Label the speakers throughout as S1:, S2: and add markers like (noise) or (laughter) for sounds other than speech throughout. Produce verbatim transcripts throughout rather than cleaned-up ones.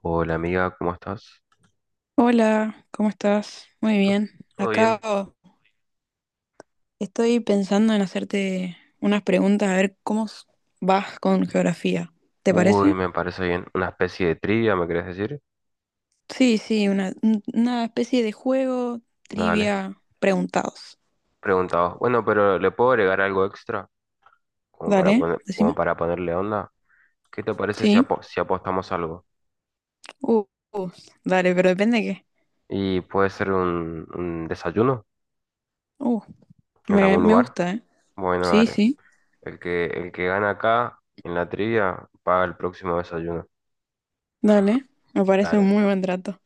S1: Hola amiga, ¿cómo estás?
S2: Hola, ¿cómo estás? Muy
S1: ¿Todo
S2: bien.
S1: todo
S2: Acá
S1: bien?
S2: oh, estoy pensando en hacerte unas preguntas a ver cómo s- vas con geografía. ¿Te
S1: Uy,
S2: parece?
S1: me parece bien. ¿Una especie de trivia, me querés decir?
S2: Sí, sí, una, un- una especie de juego,
S1: Dale.
S2: trivia, preguntados.
S1: Preguntado. Bueno, pero ¿le puedo agregar algo extra? Como para
S2: Dale,
S1: poner, como
S2: decime.
S1: para ponerle onda. ¿Qué te parece si,
S2: Sí.
S1: apo- si apostamos algo?
S2: Uh, uh, dale, pero depende de qué.
S1: ¿Y puede ser un, un desayuno
S2: Uh,
S1: en
S2: me,
S1: algún
S2: me
S1: lugar?
S2: gusta, ¿eh?
S1: Bueno,
S2: Sí,
S1: dale.
S2: sí.
S1: El que, el que gana acá en la trivia paga el próximo desayuno.
S2: Dale, me parece un
S1: Dale.
S2: muy buen trato.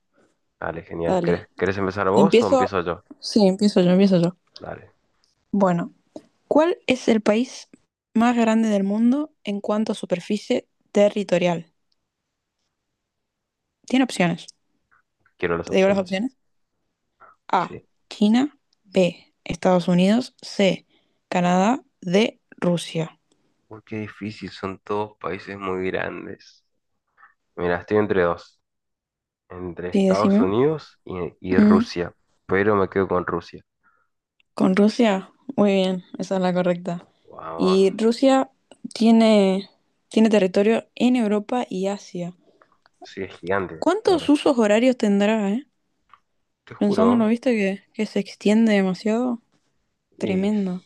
S1: Dale, genial.
S2: Dale.
S1: ¿Querés, ¿querés empezar vos o
S2: Empiezo.
S1: empiezo yo?
S2: Sí, empiezo yo, empiezo yo.
S1: Dale.
S2: Bueno. ¿Cuál es el país más grande del mundo en cuanto a superficie territorial? Tiene opciones.
S1: Quiero las
S2: ¿Te digo las
S1: opciones.
S2: opciones? A,
S1: Sí.
S2: China, B, Estados Unidos, C, Canadá, D, Rusia.
S1: Uy, qué difícil, son todos países muy grandes. Mira, estoy entre dos, entre
S2: Sí,
S1: Estados
S2: decime.
S1: Unidos y, y
S2: Mm,
S1: Rusia, pero me quedo con Rusia.
S2: con Rusia, muy bien, esa es la correcta.
S1: Vamos,
S2: Y Rusia tiene, tiene territorio en Europa y Asia.
S1: sí, es gigante, la
S2: ¿Cuántos
S1: verdad.
S2: usos horarios tendrá, eh?
S1: Te
S2: Pensándolo,
S1: juro,
S2: viste que, que se extiende demasiado.
S1: y s-
S2: Tremendo.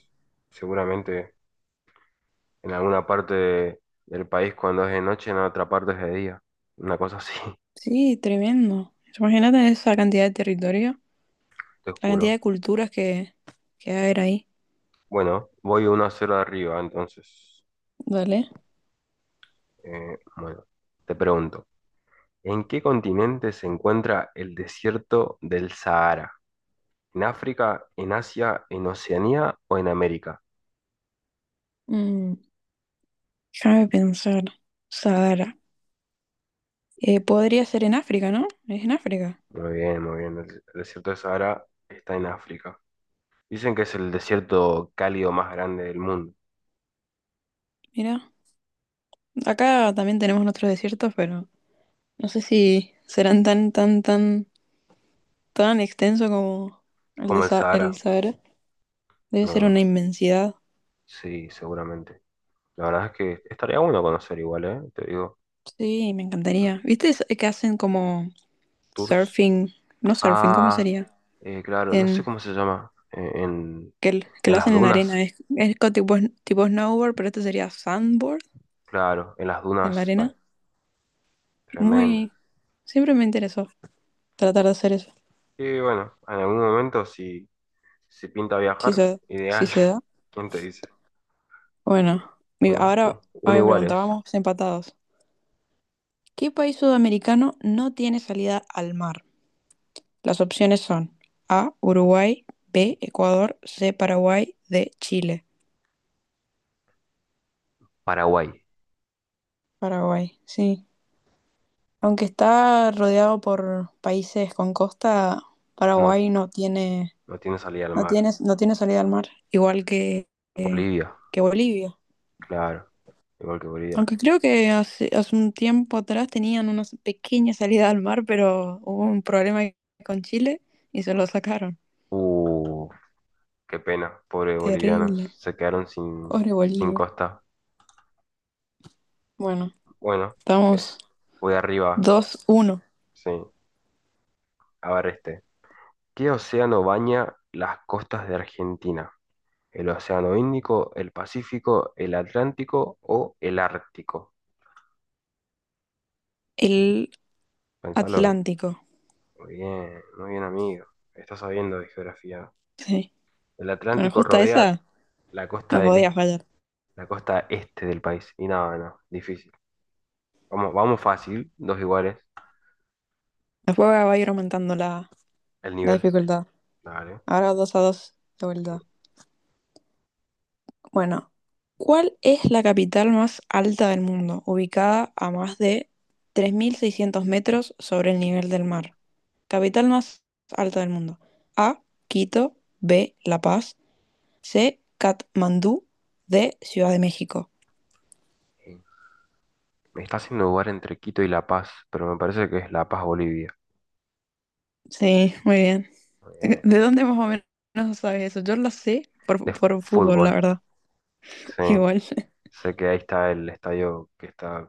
S1: seguramente en alguna parte de- del país cuando es de noche, en otra parte es de día. Una cosa así, (laughs)
S2: Sí, tremendo. Imagínate esa cantidad de territorio,
S1: te
S2: la cantidad
S1: juro.
S2: de culturas que, que va a haber ahí.
S1: Bueno, voy uno a cero arriba, entonces.
S2: Dale.
S1: Eh, bueno, te pregunto, ¿en qué continente se encuentra el desierto del Sahara? ¿En África, en Asia, en Oceanía o en América?
S2: Mm, déjame pensar. Sahara. Eh, podría ser en África, ¿no? Es en África.
S1: Muy bien, muy bien. El desierto de Sahara está en África. Dicen que es el desierto cálido más grande del mundo,
S2: Mira, acá también tenemos nuestros desiertos, pero no sé si serán tan, tan, tan, tan extenso como el de
S1: como el
S2: Sa- el
S1: Sahara.
S2: Sahara. Debe ser una
S1: No,
S2: inmensidad.
S1: sí, seguramente. La verdad es que estaría bueno conocer igual, ¿eh? Te digo,
S2: Sí, me
S1: mm,
S2: encantaría. ¿Viste es- que hacen como
S1: tours.
S2: surfing? No surfing, ¿cómo
S1: Ah,
S2: sería?
S1: eh, claro, no sé
S2: En
S1: cómo se llama. Eh, en,
S2: que, l- que
S1: en
S2: lo
S1: las
S2: hacen en arena.
S1: dunas,
S2: Es, es co- tipo, sn- tipo snowboard, pero este sería sandboard
S1: claro, en las
S2: en
S1: dunas,
S2: la
S1: ah,
S2: arena.
S1: tremendo.
S2: Muy. Siempre me interesó tratar de hacer eso.
S1: Y bueno, en algún momento si, si pinta
S2: Si
S1: viajar,
S2: se, si
S1: ideal.
S2: se da.
S1: (laughs) ¿Quién te dice?
S2: Bueno, mi-
S1: Bueno, u-
S2: ahora a
S1: uno
S2: mi
S1: igual
S2: pregunta,
S1: es
S2: vamos empatados. ¿Qué país sudamericano no tiene salida al mar? Las opciones son A, Uruguay, B, Ecuador, C, Paraguay, D, Chile.
S1: Paraguay.
S2: Paraguay, sí. Aunque está rodeado por países con costa,
S1: No,
S2: Paraguay no tiene.
S1: no tiene salida al
S2: No
S1: mar.
S2: tienes, no tiene salida al mar, igual que, que,
S1: Bolivia,
S2: que Bolivia.
S1: claro. Igual que Bolivia.
S2: Aunque creo que hace, hace un tiempo atrás tenían una pequeña salida al mar, pero hubo un problema con Chile y se lo sacaron.
S1: Uh, qué pena. Pobres
S2: Terrible.
S1: bolivianos. Se quedaron sin,
S2: Pobre
S1: sin
S2: Bolivia.
S1: costa.
S2: Bueno,
S1: Bueno, eh,
S2: estamos
S1: voy arriba.
S2: dos uno.
S1: Sí. A ver este. ¿Qué océano baña las costas de Argentina? ¿El océano Índico, el Pacífico, el Atlántico o el Ártico?
S2: El
S1: Pensalo, eh.
S2: Atlántico.
S1: Muy bien, muy bien, amigo. Estás sabiendo de geografía.
S2: Sí.
S1: El
S2: Bueno,
S1: Atlántico
S2: justo
S1: rodea
S2: esa
S1: la costa
S2: no
S1: del
S2: podía
S1: este,
S2: fallar.
S1: la costa este del país. Y nada, no, difícil. Vamos, vamos fácil, dos iguales,
S2: Después va a ir aumentando la,
S1: el
S2: la
S1: nivel.
S2: dificultad.
S1: Dale.
S2: Ahora dos a dos de
S1: Sí.
S2: vuelta. Bueno, ¿cuál es la capital más alta del mundo, ubicada a más de tres mil seiscientos metros sobre el nivel del mar? Capital más alta del mundo. A, Quito, B, La Paz, C, Katmandú, D, Ciudad de México.
S1: Sí. Me está haciendo dudar entre Quito y La Paz, pero me parece que es La Paz, Bolivia.
S2: Sí, muy bien.
S1: Eh,
S2: ¿De dónde más o menos sabes eso? Yo lo sé por,
S1: de
S2: por fútbol, la
S1: fútbol.
S2: verdad. (laughs)
S1: Sí.
S2: Igual,
S1: Sé que ahí está el estadio que está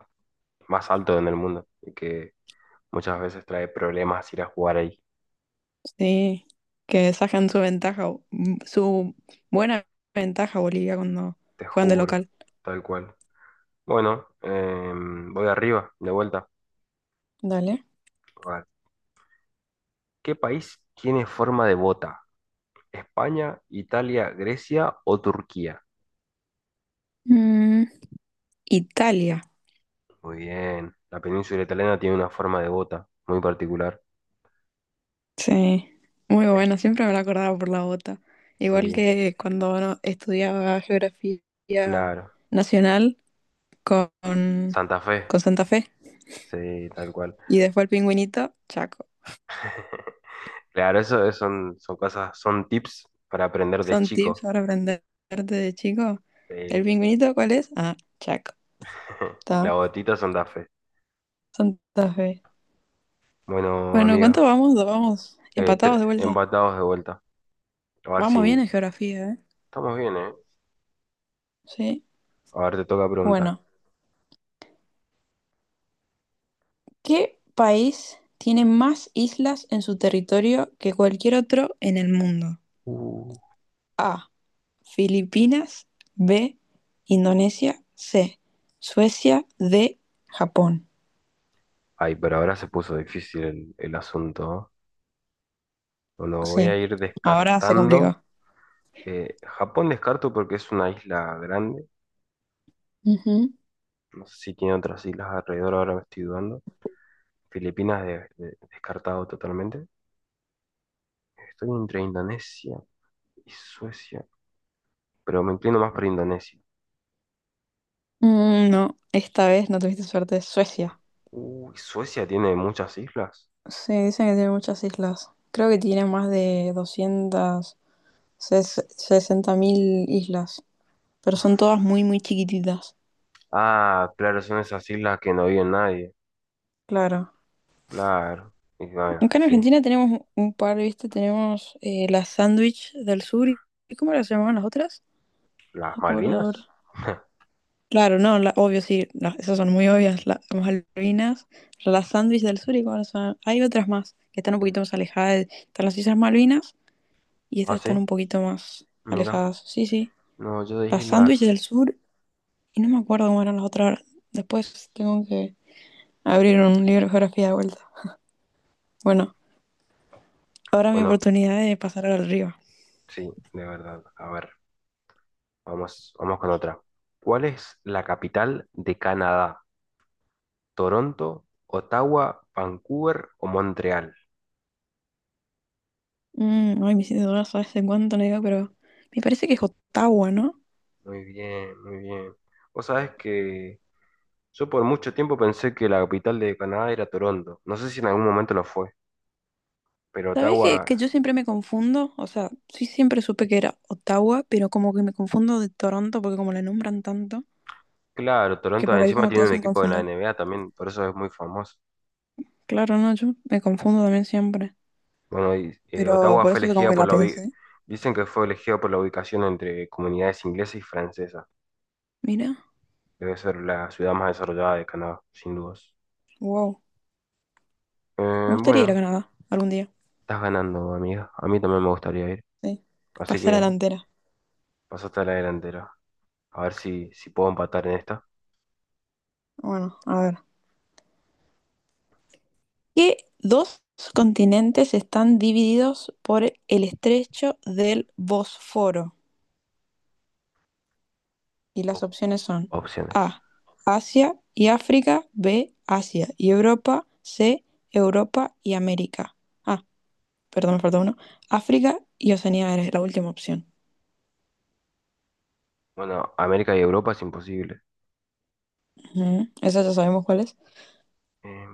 S1: más alto en el mundo y que muchas veces trae problemas ir a jugar ahí.
S2: sí, que sacan su ventaja, su buena ventaja Bolivia cuando
S1: Te
S2: juegan de
S1: juro,
S2: local.
S1: tal cual. Bueno, em, voy arriba, de vuelta.
S2: Dale.
S1: A ver, ¿qué país tiene forma de bota? España, Italia, Grecia o Turquía.
S2: Mm, Italia,
S1: Muy bien. La península italiana tiene una forma de bota muy particular.
S2: sí, muy
S1: Eh,
S2: bueno, siempre me lo acordaba por la bota. Igual
S1: sí,
S2: que cuando no- estudiaba geografía
S1: claro.
S2: nacional con,
S1: Santa Fe.
S2: con Santa Fe
S1: Sí, tal cual.
S2: y después el pingüinito, Chaco.
S1: (laughs) Claro, eso es- son, son cosas, son tips para aprender de
S2: Son tips
S1: chico.
S2: para aprenderte de chico. ¿El
S1: Sí.
S2: pingüinito cuál es? Ah, Chaco.
S1: (laughs) La
S2: Está,
S1: botita Santa Fe.
S2: Santa Fe.
S1: Bueno,
S2: Bueno,
S1: amiga,
S2: ¿cuánto vamos? Vamos
S1: eh, tre-
S2: empatados de vuelta.
S1: empatados de vuelta. A ver
S2: Vamos bien
S1: si
S2: en geografía, ¿eh?
S1: estamos bien, ¿eh?
S2: Sí.
S1: A ver, te toca preguntar.
S2: Bueno. ¿Qué país tiene más islas en su territorio que cualquier otro en el mundo?
S1: Uh.
S2: A. Filipinas. B. Indonesia. C. Suecia. D. Japón.
S1: Ay, pero ahora se puso difícil el, el asunto, ¿no? Bueno, voy a
S2: Sí.
S1: ir
S2: Ahora se
S1: descartando.
S2: complicó.
S1: Eh, Japón descarto porque es una isla grande.
S2: Ujú.
S1: No sé si tiene otras islas alrededor, ahora me estoy dudando. Filipinas de- de- descartado totalmente. Estoy entre Indonesia y Suecia, pero me inclino más por Indonesia.
S2: Mm, no, esta vez no tuviste suerte.
S1: Uf.
S2: Suecia.
S1: Uy, Suecia tiene muchas islas.
S2: Sí, dicen que tiene muchas islas. Creo que tiene más de doscientas sesenta mil islas, pero son todas muy, muy chiquititas.
S1: Ah, claro, son esas islas que no vive nadie.
S2: Claro.
S1: Claro. Y bueno,
S2: Acá en
S1: sí.
S2: Argentina tenemos un un par, ¿viste? Tenemos eh, la sándwich del sur. ¿Y cómo las llamaban las otras?
S1: ¿Las
S2: No acuerdo ahora.
S1: Malvinas? (laughs)
S2: Claro, no, la- obvio, sí. Las- esas son muy obvias, la- las Malvinas. La sándwich del sur y cómo las llamaban. Hay otras más que están un poquito más alejadas. Están las Islas Malvinas y
S1: Ah,
S2: estas están
S1: sí,
S2: un poquito más
S1: mira.
S2: alejadas. Sí, sí.
S1: No, yo
S2: La
S1: dije
S2: sándwich del
S1: las...
S2: sur y no me acuerdo cómo eran las otras ahora. Después tengo que abrir un libro de geografía de vuelta. Bueno, ahora mi
S1: Bueno,
S2: oportunidad de pasar al río.
S1: sí, de verdad. A ver. Vamos, vamos con otra. ¿Cuál es la capital de Canadá? ¿Toronto, Ottawa, Vancouver o Montreal?
S2: Mm, ay, me hiciste dudar, sabes en cuánto no digo, pero me parece que es Ottawa, ¿no?
S1: Muy bien, muy bien. Vos sabés que yo por mucho tiempo pensé que la capital de Canadá era Toronto. No sé si en algún momento lo fue, pero
S2: ¿Sabés que,
S1: Ottawa,
S2: que yo siempre me confundo? O sea, sí siempre supe que era Ottawa, pero como que me confundo de Toronto porque como la nombran tanto,
S1: claro,
S2: que
S1: Toronto
S2: por ahí
S1: encima
S2: como te
S1: tiene un
S2: hacen
S1: equipo de la
S2: confundir.
S1: N B A también, por eso es muy famoso.
S2: Claro, no, yo me confundo también siempre,
S1: Bueno, y, eh,
S2: pero
S1: Ottawa
S2: por
S1: fue
S2: eso como
S1: elegida
S2: que
S1: por
S2: la
S1: la ubi-
S2: pensé.
S1: dicen que fue elegida por la ubicación entre comunidades inglesas y francesas.
S2: Mira,
S1: Debe ser la ciudad más desarrollada de Canadá, sin dudas.
S2: wow, me
S1: Eh,
S2: gustaría ir a
S1: bueno,
S2: Canadá algún día,
S1: estás ganando, amiga. A mí también me gustaría ir.
S2: sí,
S1: Así
S2: pasar a
S1: que
S2: la delantera.
S1: pasaste a la delantera. A ver si, si puedo empatar en esta.
S2: Bueno, a ver. ¿Qué dos continentes están divididos por el estrecho del Bósforo? Y las
S1: Op-
S2: opciones son
S1: opciones.
S2: A, Asia y África, B, Asia y Europa, C, Europa y América. Ah, perdón, me falta uno. África y Oceanía es la última opción.
S1: Bueno, América y Europa es imposible.
S2: Ujú, esa ya sabemos cuál es.
S1: Eh,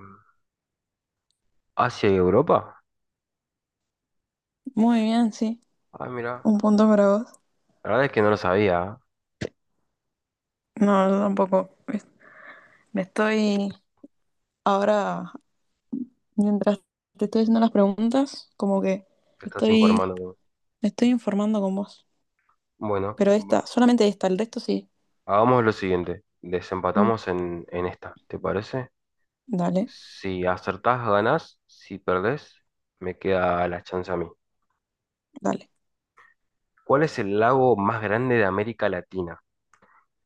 S1: ¿Asia y Europa?
S2: Muy bien, sí.
S1: Ah, mira.
S2: Un punto para vos.
S1: La verdad es que no lo sabía, ¿eh?
S2: No, yo tampoco. Es- Me estoy ahora, mientras te estoy haciendo las preguntas, como que
S1: Te estás
S2: estoy,
S1: informando.
S2: me estoy informando con vos.
S1: Bueno,
S2: Pero esta,
S1: va-
S2: solamente esta, el resto sí.
S1: hagamos lo siguiente.
S2: Mm,
S1: Desempatamos en, en esta. ¿Te parece?
S2: dale,
S1: Si acertás, ganás. Si perdés, me queda la chance a mí.
S2: dale.
S1: ¿Cuál es el lago más grande de América Latina?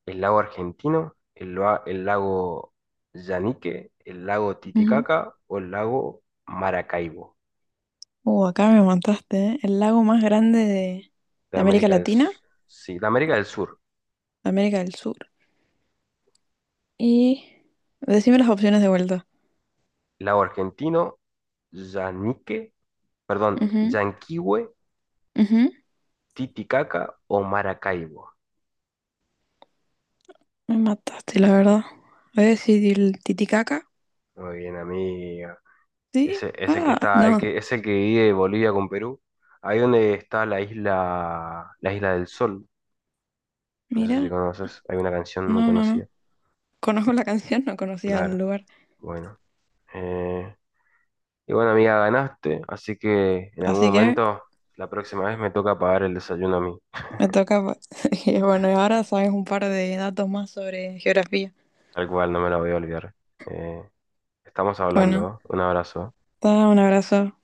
S1: El lago Argentino, el, lua- el lago Yanique, el lago
S2: Ujú.
S1: Titicaca o el lago Maracaibo
S2: Uh, acá me montaste, ¿eh? El lago más grande de,
S1: de
S2: de América
S1: América del,
S2: Latina,
S1: S- sí, de América del Sur.
S2: de América del Sur. Y decime las opciones de vuelta.
S1: Lago Argentino, Yanique, perdón,
S2: Ujú,
S1: Yanquihue,
S2: ujú.
S1: Titicaca o Maracaibo.
S2: Me mataste, la verdad. Voy a decir el Titicaca.
S1: Muy bien, amigo.
S2: ¿Sí?
S1: Ese es el que
S2: Ah,
S1: está, el
S2: no.
S1: que, es el que divide Bolivia con Perú. Ahí donde está la isla, la isla del Sol. No sé si
S2: Mira,
S1: conoces, hay una canción muy
S2: no, no, no.
S1: conocida.
S2: Conozco la (laughs) canción, no conocía el
S1: Claro,
S2: lugar.
S1: bueno. Eh, y bueno, amiga, ganaste, así que en algún
S2: Así que
S1: momento, la próxima vez me toca pagar el desayuno a mí,
S2: me toca. Pa- (laughs) y bueno, y ahora sabes un par de datos más sobre geografía.
S1: tal cual, no me la voy a olvidar. Eh, estamos
S2: Bueno,
S1: hablando, ¿eh? Un abrazo.
S2: da un abrazo.